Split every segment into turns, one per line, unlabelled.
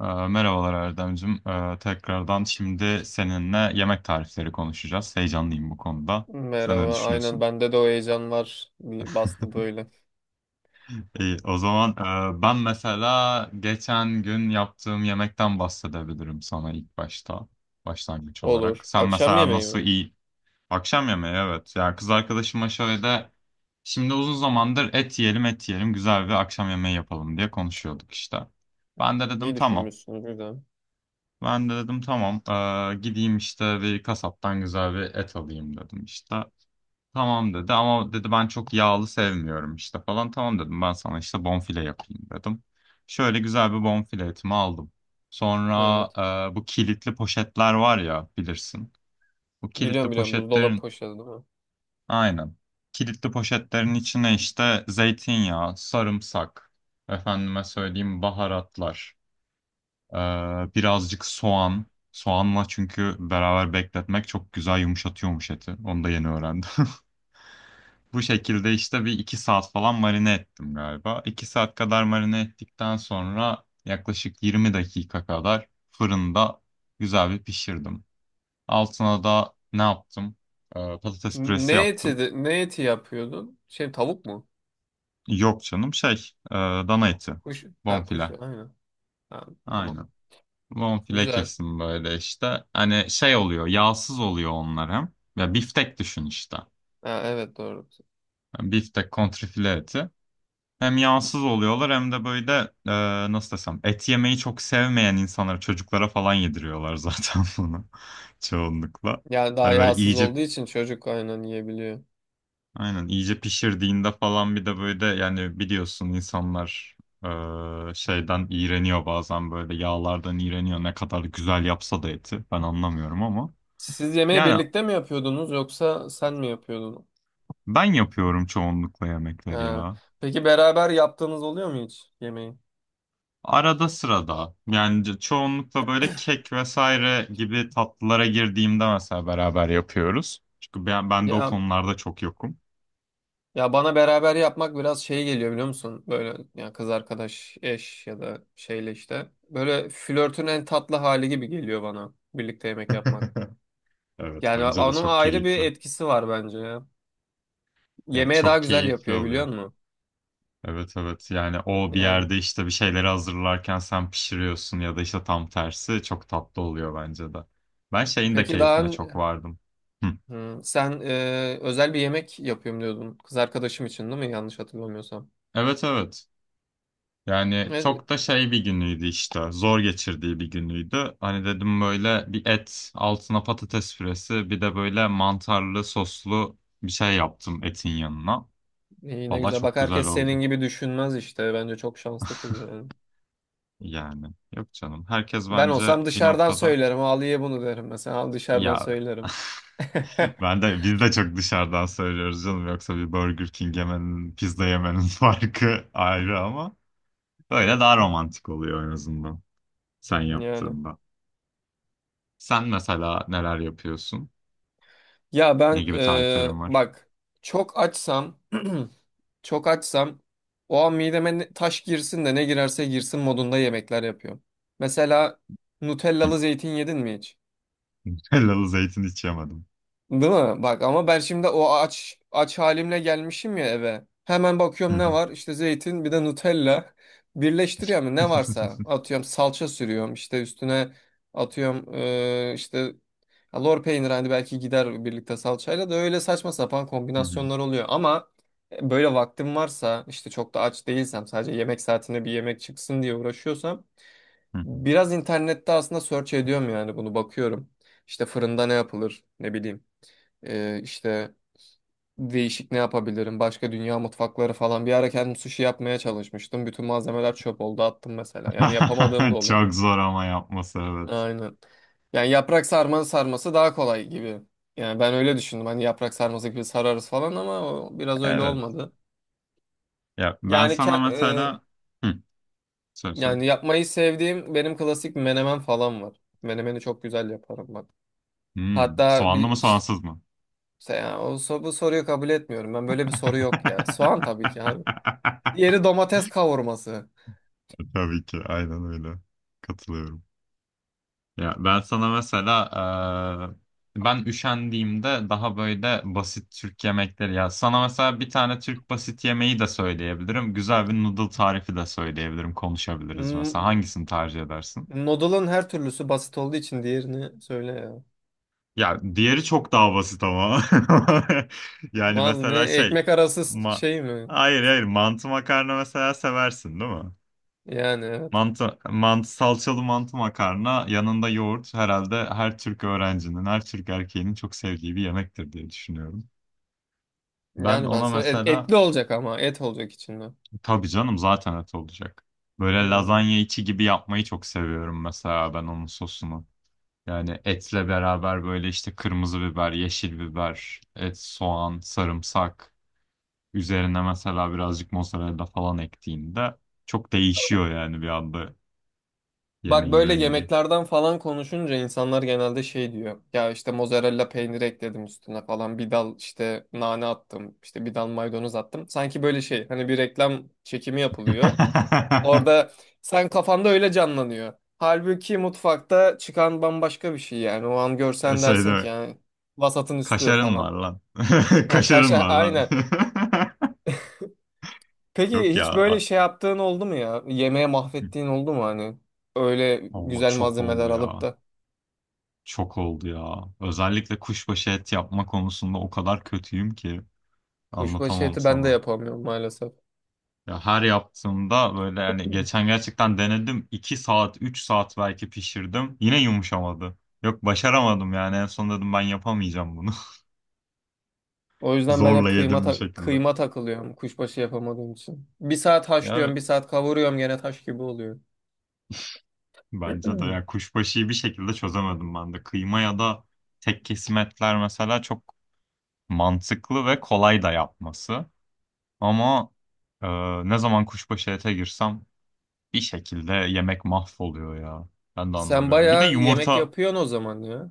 Merhabalar Erdemcim. Tekrardan şimdi seninle yemek tarifleri konuşacağız. Heyecanlıyım bu konuda. Sen ne
Merhaba. Aynen
düşünüyorsun?
bende de o heyecan var. Bir bastı böyle.
İyi, o zaman ben mesela geçen gün yaptığım yemekten bahsedebilirim sana ilk başta, başlangıç olarak.
Olur.
Sen
Akşam
mesela
yemeği
nasıl
mi?
iyi akşam yemeği evet. Ya kız arkadaşıma şöyle şimdi uzun zamandır et yiyelim et yiyelim güzel bir akşam yemeği yapalım diye konuşuyorduk işte. Ben de
İyi
dedim tamam.
düşünmüşsünüz. Güzel.
Ben de dedim tamam, gideyim işte bir kasaptan güzel bir et alayım dedim işte. Tamam dedi ama dedi ben çok yağlı sevmiyorum işte falan. Tamam dedim ben sana işte bonfile yapayım dedim. Şöyle güzel bir bonfile etimi aldım. Sonra
Evet.
bu kilitli poşetler var ya bilirsin. Bu
Biliyorum
kilitli
biliyorum. Buzdolabı
poşetlerin
poşeti değil mi?
aynen. Kilitli poşetlerin içine işte zeytinyağı, sarımsak, efendime söyleyeyim baharatlar. Ee, birazcık soğan. Soğanla çünkü beraber bekletmek çok güzel yumuşatıyormuş eti. Onu da yeni öğrendim. Bu şekilde işte bir iki saat falan marine ettim galiba. 2 saat kadar marine ettikten sonra yaklaşık 20 dakika kadar fırında güzel bir pişirdim. Altına da ne yaptım? Patates püresi
Ne eti,
yaptım.
ne eti yapıyordun? Şey, tavuk mu?
Yok canım şey, dana eti.
Kuş. Ha, kuş.
Bonfile.
Aynen. Ha, tamam.
Aynen. Bonfile
Güzel.
kesim böyle işte. Hani şey oluyor, yağsız oluyor onlar hem. Ya biftek düşün işte.
Ha, evet, doğru.
Yani biftek kontrfile eti. Hem yağsız oluyorlar hem de böyle nasıl desem et yemeyi çok sevmeyen insanlara, çocuklara falan yediriyorlar zaten bunu çoğunlukla.
Yani daha
Hani böyle
yağsız
iyice
olduğu için çocuk aynen yiyebiliyor.
aynen iyice pişirdiğinde falan bir de böyle yani biliyorsun insanlar şeyden iğreniyor bazen böyle yağlardan iğreniyor ne kadar güzel yapsa da eti. Ben anlamıyorum ama.
Siz yemeği
Yani
birlikte mi yapıyordunuz yoksa sen mi yapıyordun?
ben yapıyorum çoğunlukla yemekleri
Ha.
ya.
Peki beraber yaptığınız oluyor mu hiç yemeği?
Arada sırada. Yani çoğunlukla böyle kek vesaire gibi tatlılara girdiğimde mesela beraber yapıyoruz. Çünkü ben de o
Ya
konularda çok yokum.
Ya bana beraber yapmak biraz şey geliyor, biliyor musun? Böyle ya kız arkadaş, eş ya da şeyle işte. Böyle flörtün en tatlı hali gibi geliyor bana birlikte yemek yapmak.
Evet
Yani
bence de
onun
çok
ayrı bir
keyifli.
etkisi var bence ya.
Yani
Yemeği daha
çok
güzel
keyifli
yapıyor, biliyor
oluyor.
musun?
Evet evet yani o bir
Yani
yerde işte bir şeyleri hazırlarken sen pişiriyorsun ya da işte tam tersi çok tatlı oluyor bence de. Ben şeyin de
peki daha
keyfine çok vardım. Hı.
Hı, sen özel bir yemek yapıyorum diyordun. Kız arkadaşım için, değil mi? Yanlış hatırlamıyorsam.
Evet evet. Yani
E,
çok da şey bir günüydü işte. Zor geçirdiği bir günüydü. Hani dedim böyle bir et, altına patates püresi, bir de böyle mantarlı soslu bir şey yaptım etin yanına.
iyi ne
Valla
güzel.
çok
Bak
güzel
herkes senin
oldu.
gibi düşünmez işte. Bence çok şanslı kız yani.
Yani yok canım. Herkes
Ben
bence
olsam
bir
dışarıdan
noktada
söylerim. Ali'ye bunu derim mesela. Al dışarıdan
ya.
söylerim.
Ben de biz de çok dışarıdan söylüyoruz canım. Yoksa bir Burger King yemenin, pizza yemenin farkı ayrı ama böyle daha romantik oluyor en azından sen
Yani.
yaptığında. Sen mesela neler yapıyorsun?
Ya
Ne
ben
gibi tariflerim var?
bak, çok açsam çok açsam o an mideme taş girsin de ne girerse girsin modunda yemekler yapıyorum. Mesela
Hı.
Nutellalı zeytin yedin mi hiç?
Hellalı zeytin hiç yemedim.
Değil mi? Bak ama ben şimdi o aç aç halimle gelmişim ya eve. Hemen
Hı
bakıyorum, ne
hı.
var? İşte zeytin, bir de Nutella. Birleştiriyorum ne varsa. Atıyorum, salça sürüyorum işte üstüne, atıyorum işte ya lor peynir, hani belki gider birlikte salçayla, da öyle saçma sapan
Hı hı.
kombinasyonlar oluyor. Ama böyle vaktim varsa, işte çok da aç değilsem, sadece yemek saatinde bir yemek çıksın diye uğraşıyorsam
Hı hı.
biraz internette aslında search ediyorum yani bunu, bakıyorum. İşte fırında ne yapılır, ne bileyim. İşte değişik ne yapabilirim? Başka dünya mutfakları falan. Bir ara kendim sushi yapmaya çalışmıştım. Bütün malzemeler çöp oldu, attım mesela. Yani yapamadığım da oluyor.
Çok zor ama yapması evet.
Aynen. Yani yaprak sarmanın sarması daha kolay gibi. Yani ben öyle düşündüm. Hani yaprak sarması gibi sararız falan, ama o biraz öyle
Evet.
olmadı.
Ya ben
Yani
sana mesela. Hı, söyle söyle.
yani yapmayı sevdiğim benim klasik menemen falan var. Menemeni çok güzel yaparım ben.
Hmm,
Hatta
soğanlı mı
bir
soğansız mı?
işte ya, bu soruyu kabul etmiyorum. Ben, böyle bir soru yok ya. Soğan tabii ki abi. Diğeri domates kavurması.
Tabii ki aynen öyle. Katılıyorum. Ya ben sana mesela ben üşendiğimde daha böyle basit Türk yemekleri, ya sana mesela bir tane Türk basit yemeği de söyleyebilirim. Güzel bir noodle tarifi de söyleyebilirim. Konuşabiliriz mesela.
Hmm,
Hangisini tercih edersin?
noodle'ın her türlüsü basit olduğu için diğerini söyle ya.
Ya diğeri çok daha basit ama. Yani
Vallahi ne,
mesela şey,
ekmek arası
ma
şey mi?
hayır hayır mantı makarna mesela seversin değil mi?
Yani evet.
Mantı, salçalı mantı makarna, yanında yoğurt, herhalde her Türk öğrencinin, her Türk erkeğinin çok sevdiği bir yemektir diye düşünüyorum. Ben
Yani ben
ona
söyle
mesela,
etli olacak, ama et olacak içinde.
tabii canım zaten et olacak. Böyle
Yani.
lazanya içi gibi yapmayı çok seviyorum mesela, ben onun sosunu. Yani etle beraber böyle işte kırmızı biber, yeşil biber, et, soğan, sarımsak, üzerine mesela birazcık mozzarella falan ektiğinde çok değişiyor yani bir anda
Bak
yemeğin
böyle
rengi.
yemeklerden falan konuşunca insanlar genelde şey diyor. Ya işte mozzarella peyniri ekledim üstüne falan. Bir dal işte nane attım. İşte bir dal maydanoz attım. Sanki böyle şey, hani bir reklam çekimi yapılıyor. Orada sen kafanda öyle canlanıyor. Halbuki mutfakta çıkan bambaşka bir şey yani. O an
E,
görsen
şey
dersin
değil,
ki yani vasatın üstü
kaşarın var
falan.
lan.
Ha, kaş
Kaşarın var lan.
aynen.
Yok
Peki
ya.
hiç böyle şey yaptığın oldu mu ya? Yemeğe mahvettiğin oldu mu hani? Öyle
Oo,
güzel
çok oldu
malzemeler alıp
ya.
da.
Çok oldu ya. Özellikle kuşbaşı et yapma konusunda o kadar kötüyüm ki
Kuşbaşı
anlatamam
eti ben de
sana.
yapamıyorum maalesef.
Ya her yaptığımda böyle, yani geçen gerçekten denedim. 2 saat, 3 saat belki pişirdim. Yine yumuşamadı. Yok, başaramadım yani, en son dedim ben yapamayacağım bunu.
O yüzden ben
Zorla
hep kıyma
yedim bir şekilde.
kıyma takılıyorum kuşbaşı yapamadığım için. Bir saat
Ya
haşlıyorum, bir saat kavuruyorum, gene taş gibi oluyor.
bence de ya kuşbaşıyı bir şekilde çözemedim ben de. Kıyma ya da tek kesim etler mesela çok mantıklı ve kolay da yapması. Ama e, ne zaman kuşbaşı ete girsem bir şekilde yemek mahvoluyor ya. Ben de
Sen
anlamıyorum. Bir de
bayağı yemek
yumurta
yapıyorsun o zaman ya.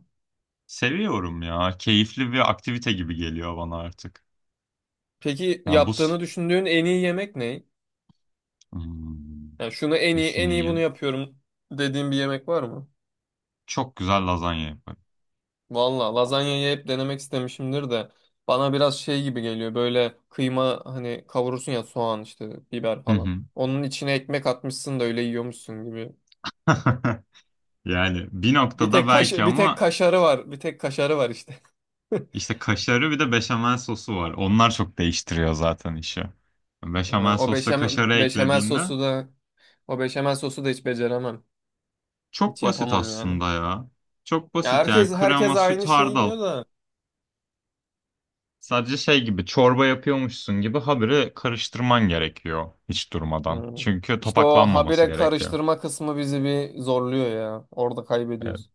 seviyorum ya. Keyifli bir aktivite gibi geliyor bana artık.
Peki
Ya bu s-
yaptığını düşündüğün en iyi yemek ne?
Hmm,
Yani şunu en iyi, bunu
düşüneyim.
yapıyorum dediğin bir yemek var mı?
Çok güzel lazanya yaparım.
Valla lazanyayı hep denemek istemişimdir de bana biraz şey gibi geliyor, böyle kıyma hani kavurursun ya, soğan işte, biber
Hı
falan.
hı.
Onun içine ekmek atmışsın da öyle yiyormuşsun gibi.
Yani bir
Bir
noktada
tek kaş,
belki
bir tek
ama
kaşarı var. Bir tek kaşarı var işte.
İşte kaşarı, bir de beşamel sosu var. Onlar çok değiştiriyor zaten işi.
Ha,
Beşamel
O
sos ve
beşamel,
kaşarı
beşamel
eklediğinde
sosu da o beşamel sosu da hiç beceremem.
çok
Hiç
basit
yapamam yani.
aslında ya. Çok
Ya
basit yani,
herkes
krema, süt,
aynı şeyi
hardal.
diyor da
Sadece şey gibi, çorba yapıyormuşsun gibi habire karıştırman gerekiyor hiç durmadan.
Hmm.
Çünkü
İşte o
topaklanmaması
habire
gerekiyor.
karıştırma kısmı bizi bir zorluyor ya. Orada
Evet,
kaybediyoruz.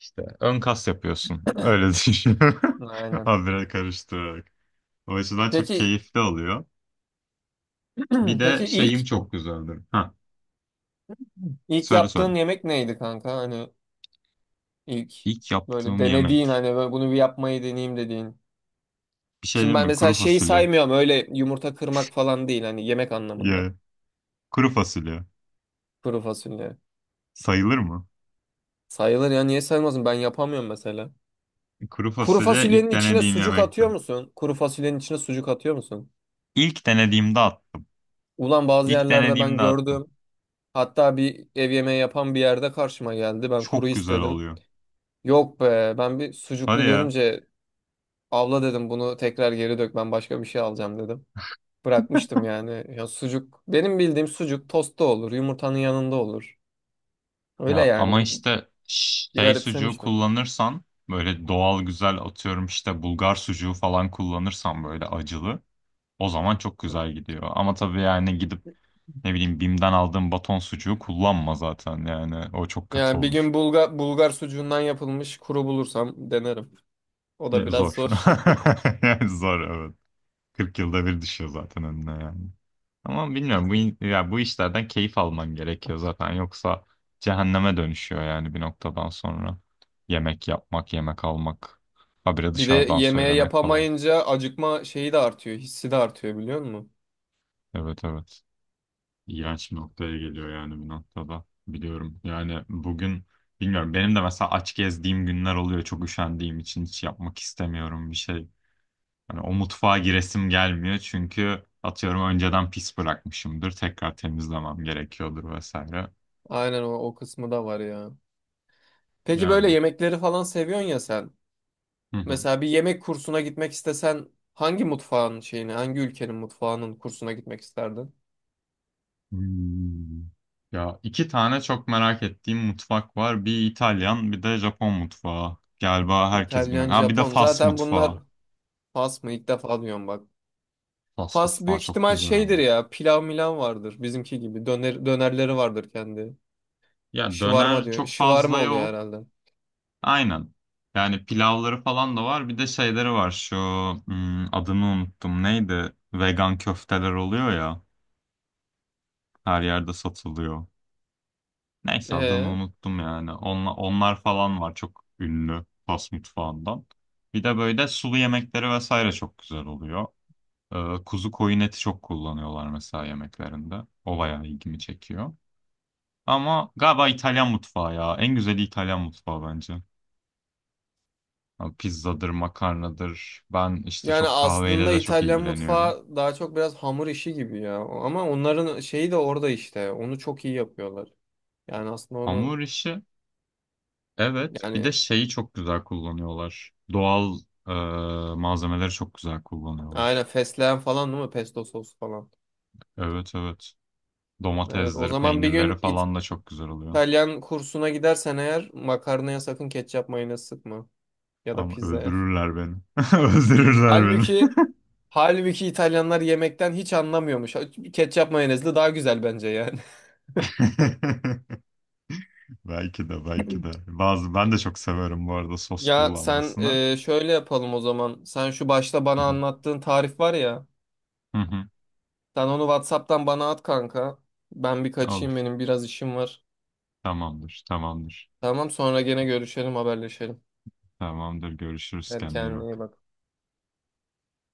işte ön kas yapıyorsun. Öyle düşün.
Aynen.
Habire karıştırarak. O açıdan çok
Peki
keyifli oluyor. Bir
peki
de
ilk
şeyim çok güzeldir. Ha,
ilk
söyle söyle.
yaptığın yemek neydi kanka? Hani ilk
İlk
böyle
yaptığım
denediğin,
yemek.
hani böyle bunu bir yapmayı deneyeyim dediğin.
Bir şey
Şimdi
değil
ben
mi?
mesela
Kuru
şeyi
fasulye.
saymıyorum, öyle yumurta kırmak falan değil, hani yemek anlamında.
Ya. Kuru fasulye.
Kuru fasulye.
Sayılır mı?
Sayılır ya, niye saymazsın? Ben yapamıyorum mesela.
Kuru
Kuru
fasulye
fasulyenin
ilk
içine
denediğim
sucuk
yemekti.
atıyor musun? Kuru fasulyenin içine sucuk atıyor musun?
İlk denediğimde attım.
Ulan bazı
İlk
yerlerde ben
denediğimde attım.
gördüm. Hatta bir ev yemeği yapan bir yerde karşıma geldi. Ben kuru
Çok güzel
istedim.
oluyor.
Yok be, ben bir
Hadi
sucuklu
ya.
görünce abla dedim, bunu tekrar geri dök, ben başka bir şey alacağım dedim. Bırakmıştım yani. Ya sucuk, benim bildiğim sucuk tostta olur, yumurtanın yanında olur. Öyle
Ya
yani
ama
bir,
işte
bir
şey sucuğu
garipsemiştim.
kullanırsan, böyle doğal güzel, atıyorum işte Bulgar sucuğu falan kullanırsan böyle acılı, o zaman çok güzel gidiyor. Ama tabii yani gidip ne bileyim Bim'den aldığım baton sucuğu kullanma zaten, yani o çok kötü
Yani bir
olur.
gün Bulgar sucuğundan yapılmış kuru bulursam denerim. O
Ya,
da biraz
zor.
zor.
Yani zor evet, 40 yılda bir düşüyor zaten önüne yani. Ama bilmiyorum, ya bu işlerden keyif alman gerekiyor zaten, yoksa cehenneme dönüşüyor yani bir noktadan sonra. Yemek yapmak, yemek almak, habire
Bir de
dışarıdan
yemeğe
söylemek falan.
yapamayınca acıkma şeyi de artıyor, hissi de artıyor, biliyor musun?
Evet evet. İğrenç bir noktaya geliyor yani bir noktada. Biliyorum. Yani bugün bilmiyorum, benim de mesela aç gezdiğim günler oluyor, çok üşendiğim için hiç yapmak istemiyorum bir şey. Hani o mutfağa giresim gelmiyor, çünkü atıyorum önceden pis bırakmışımdır. Tekrar temizlemem gerekiyordur vesaire.
Aynen o, o kısmı da var ya. Peki böyle
Yani.
yemekleri falan seviyorsun ya sen.
Hı hı.
Mesela bir yemek kursuna gitmek istesen hangi mutfağın şeyini, hangi ülkenin mutfağının kursuna gitmek isterdin?
Hmm. Ya iki tane çok merak ettiğim mutfak var. Bir İtalyan, bir de Japon mutfağı. Galiba herkes biliyor.
İtalyan,
Ha, bir de
Japon.
Fas
Zaten bunlar
mutfağı.
Fas mı? İlk defa duyuyorum bak.
Fas
Fas
mutfağı
büyük
çok
ihtimal
güzel
şeydir
ama.
ya. Pilav milan vardır bizimki gibi. Döner, dönerleri vardır kendi.
Ya
Şıvarma
döner
diyor.
çok
Şıvarma
fazla
oluyor
yok.
herhalde.
Aynen. Yani pilavları falan da var. Bir de şeyleri var. Şu adını unuttum. Neydi? Vegan köfteler oluyor ya. Her yerde satılıyor. Neyse adını
Ee,
unuttum yani. Onlar falan var, çok ünlü Fas mutfağından. Bir de böyle sulu yemekleri vesaire çok güzel oluyor. Kuzu koyun eti çok kullanıyorlar mesela yemeklerinde. O bayağı ilgimi çekiyor. Ama galiba İtalyan mutfağı ya. En güzeli İtalyan mutfağı bence. Ya pizzadır, makarnadır. Ben işte
yani
çok kahveyle
aslında
de çok
İtalyan
ilgileniyorum.
mutfağı daha çok biraz hamur işi gibi ya. Ama onların şeyi de orada işte. Onu çok iyi yapıyorlar. Yani aslında onu
Hamur işi. Evet, bir de
yani
şeyi çok güzel kullanıyorlar. Doğal e, malzemeleri çok güzel kullanıyorlar.
aynen fesleğen falan, değil mi? Pesto sos falan.
Evet evet.
Evet, o
Domatesleri,
zaman bir
peynirleri
gün
falan da çok güzel oluyor.
İtalyan kursuna gidersen eğer makarnaya sakın ketçap mayonez sıkma. Ya da
Ama
pizzaya.
öldürürler beni. Öldürürler beni.
Halbuki halbuki İtalyanlar yemekten hiç anlamıyormuş. Ketçap mayonezli daha güzel bence yani.
Belki de belki de. Bazı ben de çok severim bu arada sos
Ya sen
kullanmasını.
şöyle yapalım o zaman. Sen şu başta
Hı
bana
hı,
anlattığın tarif var ya.
hı hı.
Sen onu WhatsApp'tan bana at kanka. Ben bir kaçayım,
Olur.
benim biraz işim var.
Tamamdır. Tamamdır.
Tamam, sonra gene görüşelim, haberleşelim.
Tamamdır. Görüşürüz.
Hadi
Kendine iyi
kendine iyi
bak.
bak.